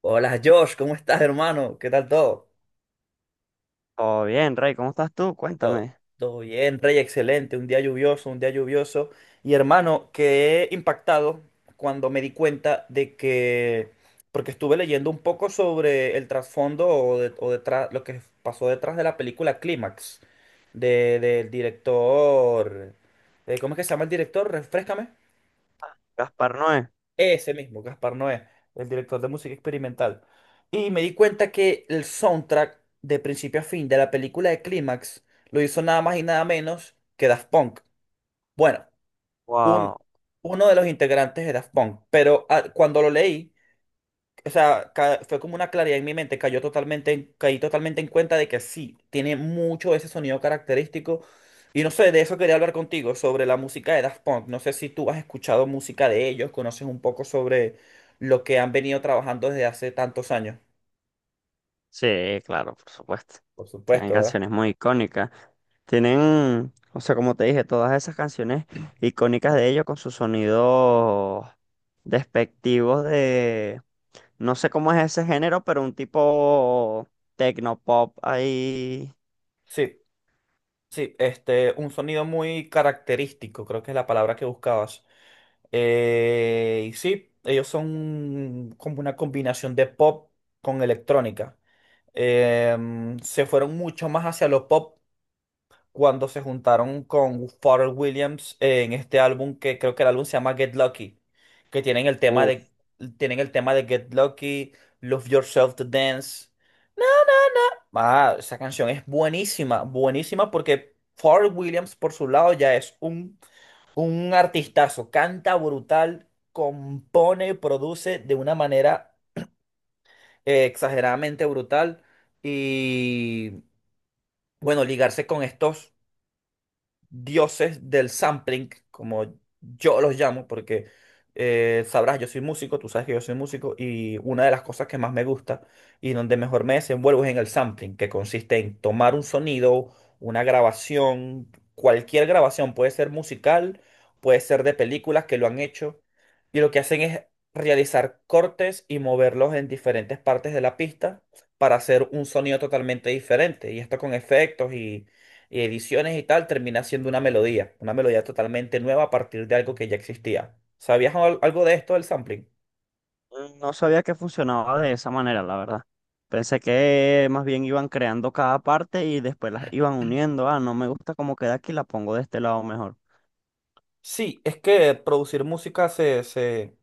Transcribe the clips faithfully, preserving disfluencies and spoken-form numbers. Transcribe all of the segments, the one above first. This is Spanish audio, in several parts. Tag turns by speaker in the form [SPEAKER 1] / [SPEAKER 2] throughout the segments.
[SPEAKER 1] Hola Josh, ¿cómo estás, hermano? ¿Qué tal todo?
[SPEAKER 2] Todo bien, Rey, ¿cómo estás tú?
[SPEAKER 1] Todo.
[SPEAKER 2] Cuéntame.
[SPEAKER 1] Todo bien, Rey, excelente. Un día lluvioso, un día lluvioso. Y hermano, quedé impactado cuando me di cuenta de que, porque estuve leyendo un poco sobre el trasfondo o, de- o detrás, lo que pasó detrás de la película Clímax, de, del director, eh, ¿cómo es que se llama el director? Refréscame.
[SPEAKER 2] Gaspar Noé.
[SPEAKER 1] Ese mismo, Gaspar Noé, el director de música experimental. Y me di cuenta que el soundtrack de principio a fin de la película de Clímax lo hizo nada más y nada menos que Daft Punk. Bueno, un,
[SPEAKER 2] Wow.
[SPEAKER 1] uno de los integrantes de Daft Punk, pero ah, cuando lo leí, o sea, ca- fue como una claridad en mi mente, cayó totalmente, en- caí totalmente en cuenta de que sí, tiene mucho ese sonido característico. Y no sé, de eso quería hablar contigo, sobre la música de Daft Punk. No sé si tú has escuchado música de ellos, conoces un poco sobre lo que han venido trabajando desde hace tantos años.
[SPEAKER 2] Sí, claro, por supuesto.
[SPEAKER 1] Por
[SPEAKER 2] Tienen
[SPEAKER 1] supuesto, ¿verdad?
[SPEAKER 2] canciones muy icónicas. Tienen, o sea, como te dije, todas esas canciones icónicas de ellos con sus sonidos despectivos de, no sé cómo es ese género, pero un tipo tecnopop ahí.
[SPEAKER 1] Sí, sí, este, un sonido muy característico, creo que es la palabra que buscabas. Eh, y sí, ellos son como una combinación de pop con electrónica. Em, se fueron mucho más hacia lo pop cuando se juntaron con Pharrell Williams en este álbum que creo que el álbum se llama Get Lucky, que tienen el tema de tienen el tema de Get Lucky, Love Yourself to Dance. Ah, esa canción es buenísima, buenísima porque Pharrell Williams por su lado ya es un, un artistazo, canta brutal, compone, produce de una manera eh, exageradamente brutal. Bueno, ligarse con estos dioses del sampling, como yo los llamo, porque eh, sabrás, yo soy músico, tú sabes que yo soy músico, y una de las cosas que más me gusta y donde mejor me desenvuelvo es en el sampling, que consiste en tomar un sonido, una grabación, cualquier grabación, puede ser musical, puede ser de películas que lo han hecho, y lo que hacen es realizar cortes y moverlos en diferentes partes de la pista para hacer un sonido totalmente diferente, y esto con efectos y y ediciones y tal, termina siendo una melodía, una melodía totalmente nueva a partir de algo que ya existía. ¿Sabías al- algo de esto del sampling?
[SPEAKER 2] No sabía que funcionaba de esa manera, la verdad. Pensé que más bien iban creando cada parte y después las iban uniendo. Ah, no me gusta cómo queda aquí, la pongo de este lado mejor.
[SPEAKER 1] Sí, es que producir música se, se,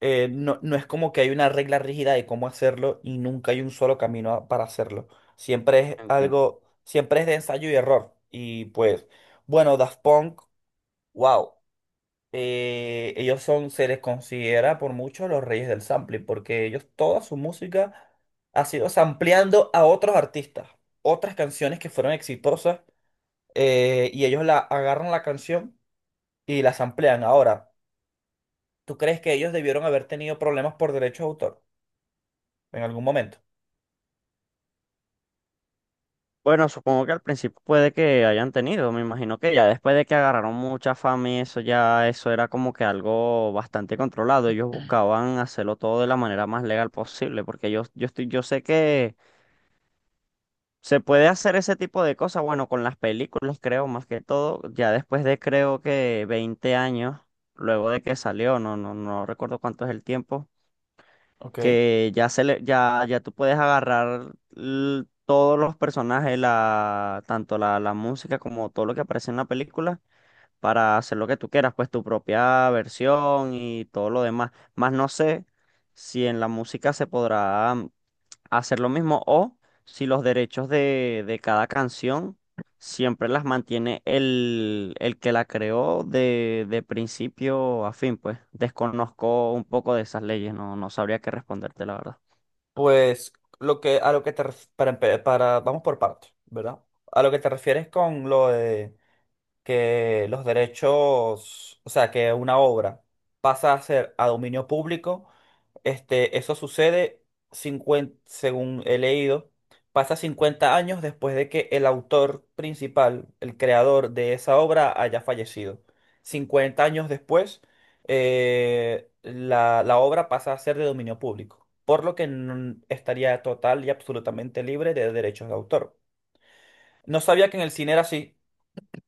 [SPEAKER 1] eh, no, no es como que hay una regla rígida de cómo hacerlo y nunca hay un solo camino a- para hacerlo. Siempre es
[SPEAKER 2] Entiendo.
[SPEAKER 1] algo, siempre es de ensayo y error. Y pues, bueno, Daft Punk, wow. Eh, ellos son, se les considera por mucho los reyes del sampling, porque ellos toda su música ha sido sampleando a otros artistas, otras canciones que fueron exitosas, eh, y ellos la agarran la canción y la samplean. Ahora, ¿tú crees que ellos debieron haber tenido problemas por derecho de autor en algún momento?
[SPEAKER 2] Bueno, supongo que al principio puede que hayan tenido, me imagino que ya después de que agarraron mucha fama y eso ya, eso era como que algo bastante controlado. Ellos buscaban hacerlo todo de la manera más legal posible, porque yo, yo estoy, yo sé que se puede hacer ese tipo de cosas, bueno, con las películas creo, más que todo, ya después de creo que veinte años, luego de que salió, no, no, no recuerdo cuánto es el tiempo,
[SPEAKER 1] Ok.
[SPEAKER 2] que ya se le, ya, ya tú puedes agarrar l- todos los personajes, la, tanto la, la música como todo lo que aparece en la película, para hacer lo que tú quieras, pues tu propia versión y todo lo demás. Más no sé si en la música se podrá hacer lo mismo o si los derechos de, de cada canción siempre las mantiene el, el que la creó de, de principio a fin, pues desconozco un poco de esas leyes, no, no sabría qué responderte, la verdad.
[SPEAKER 1] Pues lo que a lo que te ref- para, empe- para vamos por partes, ¿verdad? A lo que te refieres con lo de que los derechos, o sea, que una obra pasa a ser a dominio público, este, eso sucede cincuenta, según he leído, pasa cincuenta años después de que el autor principal, el creador de esa obra, haya fallecido. Cincuenta años después, eh, la, la obra pasa a ser de dominio público, por lo que n- estaría total y absolutamente libre de derechos de autor. No sabía que en el cine era así.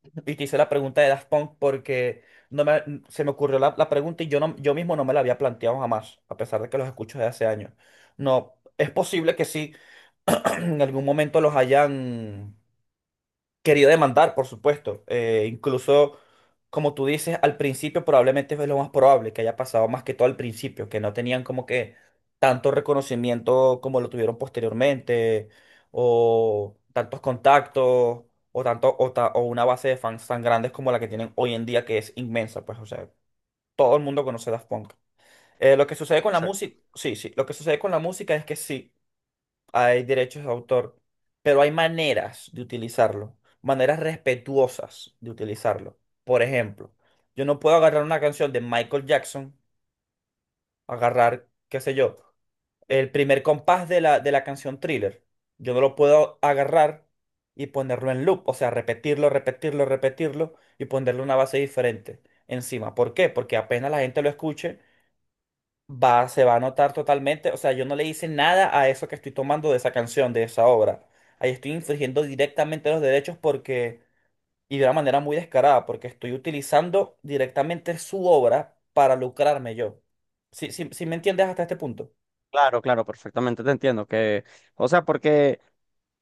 [SPEAKER 1] Y te hice la pregunta de Daft Punk porque no me, se me ocurrió la, la pregunta y yo, no, yo mismo no me la había planteado jamás, a pesar de que los escucho desde hace años. No, es posible que sí, en algún momento los hayan querido demandar, por supuesto. Eh, incluso, como tú dices, al principio probablemente fue lo más probable que haya pasado más que todo al principio, que no tenían como que tanto reconocimiento como lo tuvieron posteriormente, o tantos contactos, o tanto, o, ta- o una base de fans tan grandes como la que tienen hoy en día, que es inmensa, pues, o sea, todo el mundo conoce Daft Punk. Eh, lo que sucede con la
[SPEAKER 2] Exacto.
[SPEAKER 1] música, sí, sí, lo que sucede con la música es que sí hay derechos de autor, pero hay maneras de utilizarlo, maneras respetuosas de utilizarlo. Por ejemplo, yo no puedo agarrar una canción de Michael Jackson, agarrar, qué sé yo, el primer compás de la, de la canción Thriller. Yo no lo puedo agarrar y ponerlo en loop, o sea, repetirlo, repetirlo, repetirlo y ponerle una base diferente encima. ¿Por qué? Porque apenas la gente lo escuche, va, se va a notar totalmente. O sea, yo no le hice nada a eso que estoy tomando de esa canción, de esa obra. Ahí estoy infringiendo directamente los derechos porque, y de una manera muy descarada, porque estoy utilizando directamente su obra para lucrarme yo. Si sí, sí sí me entiendes hasta este punto?
[SPEAKER 2] Claro, claro, perfectamente te entiendo que, o sea, porque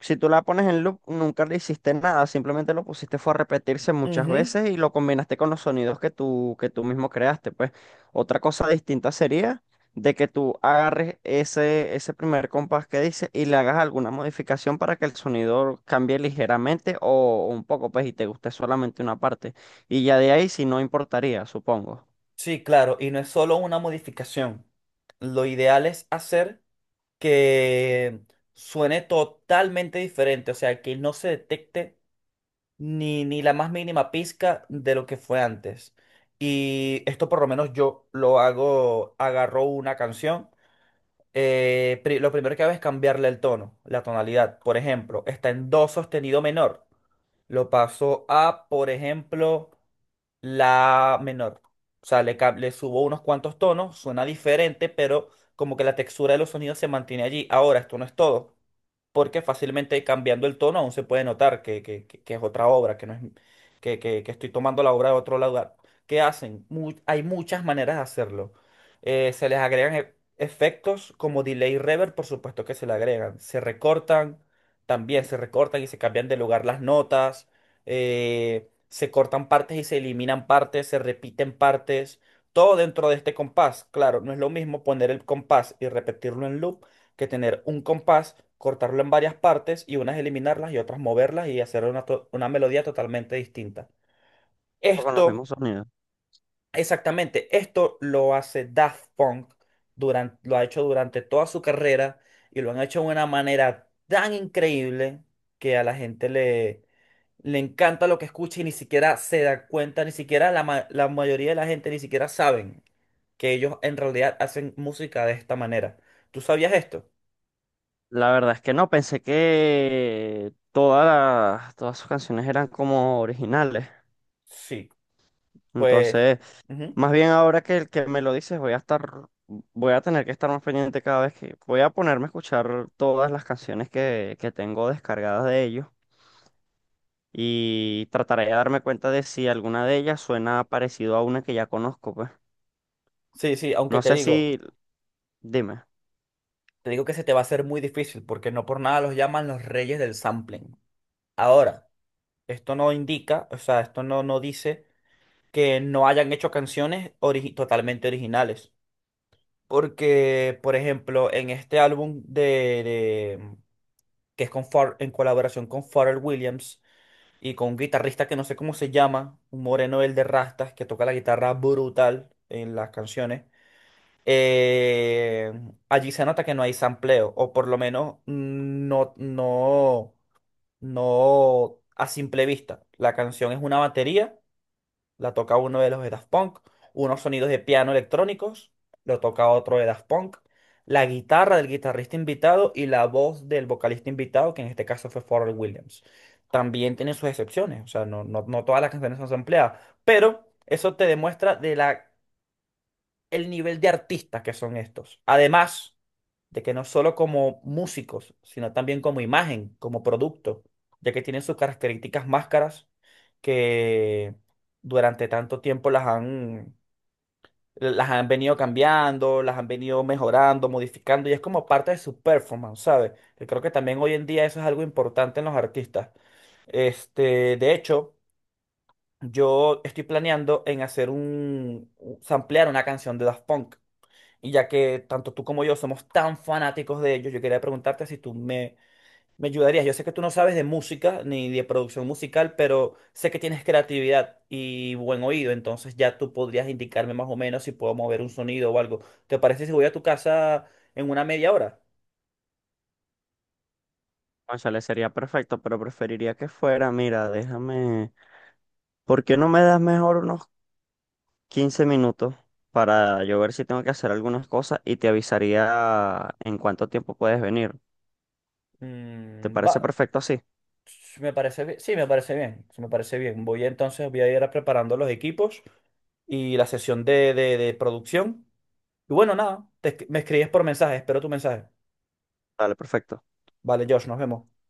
[SPEAKER 2] si tú la pones en loop, nunca le hiciste nada, simplemente lo pusiste fue a repetirse muchas
[SPEAKER 1] Ujú.
[SPEAKER 2] veces y lo combinaste con los sonidos que tú, que tú mismo creaste, pues. Otra cosa distinta sería de que tú agarres ese, ese primer compás que dice y le hagas alguna modificación para que el sonido cambie ligeramente o un poco, pues, y te guste solamente una parte. Y ya de ahí, si no importaría, supongo,
[SPEAKER 1] Sí, claro, y no es solo una modificación. Lo ideal es hacer que suene totalmente diferente, o sea, que no se detecte ni, ni la más mínima pizca de lo que fue antes. Y esto por lo menos yo lo hago, agarro una canción. eh, pri- lo primero que hago es cambiarle el tono, la tonalidad. Por ejemplo, está en do sostenido menor. Lo pasó a, por ejemplo, la menor. O sea, le, ca- le subo unos cuantos tonos, suena diferente, pero como que la textura de los sonidos se mantiene allí. Ahora, esto no es todo, porque fácilmente cambiando el tono aún se puede notar que, que- que- que es otra obra, que no es que, que- que estoy tomando la obra de otro lugar. ¿Qué hacen? Mu- hay muchas maneras de hacerlo. Eh, se les agregan e- efectos como delay reverb, por supuesto que se le agregan. Se recortan también se recortan y se cambian de lugar las notas, eh, se cortan partes y se eliminan partes, se repiten partes, todo dentro de este compás. Claro, no es lo mismo poner el compás y repetirlo en loop que tener un compás, cortarlo en varias partes y unas eliminarlas y otras moverlas y hacer una, to- una melodía totalmente distinta.
[SPEAKER 2] con los
[SPEAKER 1] Esto.
[SPEAKER 2] mismos sonidos.
[SPEAKER 1] Exactamente, esto lo hace Daft Punk, durante, lo ha hecho durante toda su carrera y lo han hecho de una manera tan increíble que a la gente le, le encanta lo que escucha y ni siquiera se da cuenta, ni siquiera la, ma- la mayoría de la gente ni siquiera saben que ellos en realidad hacen música de esta manera. ¿Tú sabías esto?
[SPEAKER 2] La verdad es que no, pensé que todas las- todas sus canciones eran como originales.
[SPEAKER 1] Sí, pues...
[SPEAKER 2] Entonces,
[SPEAKER 1] ujú.
[SPEAKER 2] más bien ahora que el que me lo dices, voy a estar, voy a tener que estar más pendiente cada vez que voy a ponerme a escuchar todas las canciones que, que tengo descargadas de ellos y trataré de darme cuenta de si alguna de ellas suena parecido a una que ya conozco, pues.
[SPEAKER 1] Sí, sí, aunque
[SPEAKER 2] No
[SPEAKER 1] te
[SPEAKER 2] sé si,
[SPEAKER 1] digo,
[SPEAKER 2] dime,
[SPEAKER 1] te digo que se te va a hacer muy difícil porque no por nada los llaman los reyes del sampling. Ahora. Esto no indica, o sea, esto no, no dice que no hayan hecho canciones origi- totalmente originales. Porque, por ejemplo, en este álbum de, de- mm, que es con Pharrell- en colaboración con Pharrell Williams y con un guitarrista que no sé cómo se llama, un moreno el de rastas que toca la guitarra brutal en las canciones, eh, allí se nota que no hay sampleo, o por lo menos mm, no, no, no a simple vista. La canción es una batería la toca uno de los de Daft Punk, unos sonidos de piano electrónicos, lo toca otro de Daft Punk, la guitarra del guitarrista invitado y la voz del vocalista invitado, que en este caso fue Pharrell Williams. También tiene sus excepciones, o sea, no, no, no todas las canciones son sampleadas, pero eso te demuestra de la el nivel de artistas que son estos. Además de que no solo como músicos, sino también como imagen, como producto, ya que tienen sus características máscaras que durante tanto tiempo las han, las han venido cambiando, las han venido mejorando, modificando, y es como parte de su performance, ¿sabes? Que creo que también hoy en día eso es algo importante en los artistas. Este, de hecho, yo estoy planeando en hacer un, un- samplear una canción de Daft Punk. Y ya que tanto tú como yo somos tan fanáticos de ellos, yo quería preguntarte si tú me, me ayudarías. Yo sé que tú no sabes de música ni de producción musical, pero sé que tienes creatividad y buen oído, entonces ya tú podrías indicarme más o menos si puedo mover un sonido o algo. ¿Te parece si voy a tu casa en una media hora?
[SPEAKER 2] le sería perfecto, pero preferiría que fuera, mira, déjame, ¿por qué no me das mejor unos quince minutos para yo ver si tengo que hacer algunas cosas y te avisaría en cuánto tiempo puedes venir? ¿Te
[SPEAKER 1] Mm, va,
[SPEAKER 2] parece perfecto así?
[SPEAKER 1] me parece bien. Sí, me parece bien. Sí, me parece bien. Voy entonces, voy a ir preparando los equipos y la sesión de, de, de producción. Y bueno, nada, te, me escribes por mensaje, espero tu mensaje.
[SPEAKER 2] Dale, perfecto.
[SPEAKER 1] Vale, Josh, nos vemos.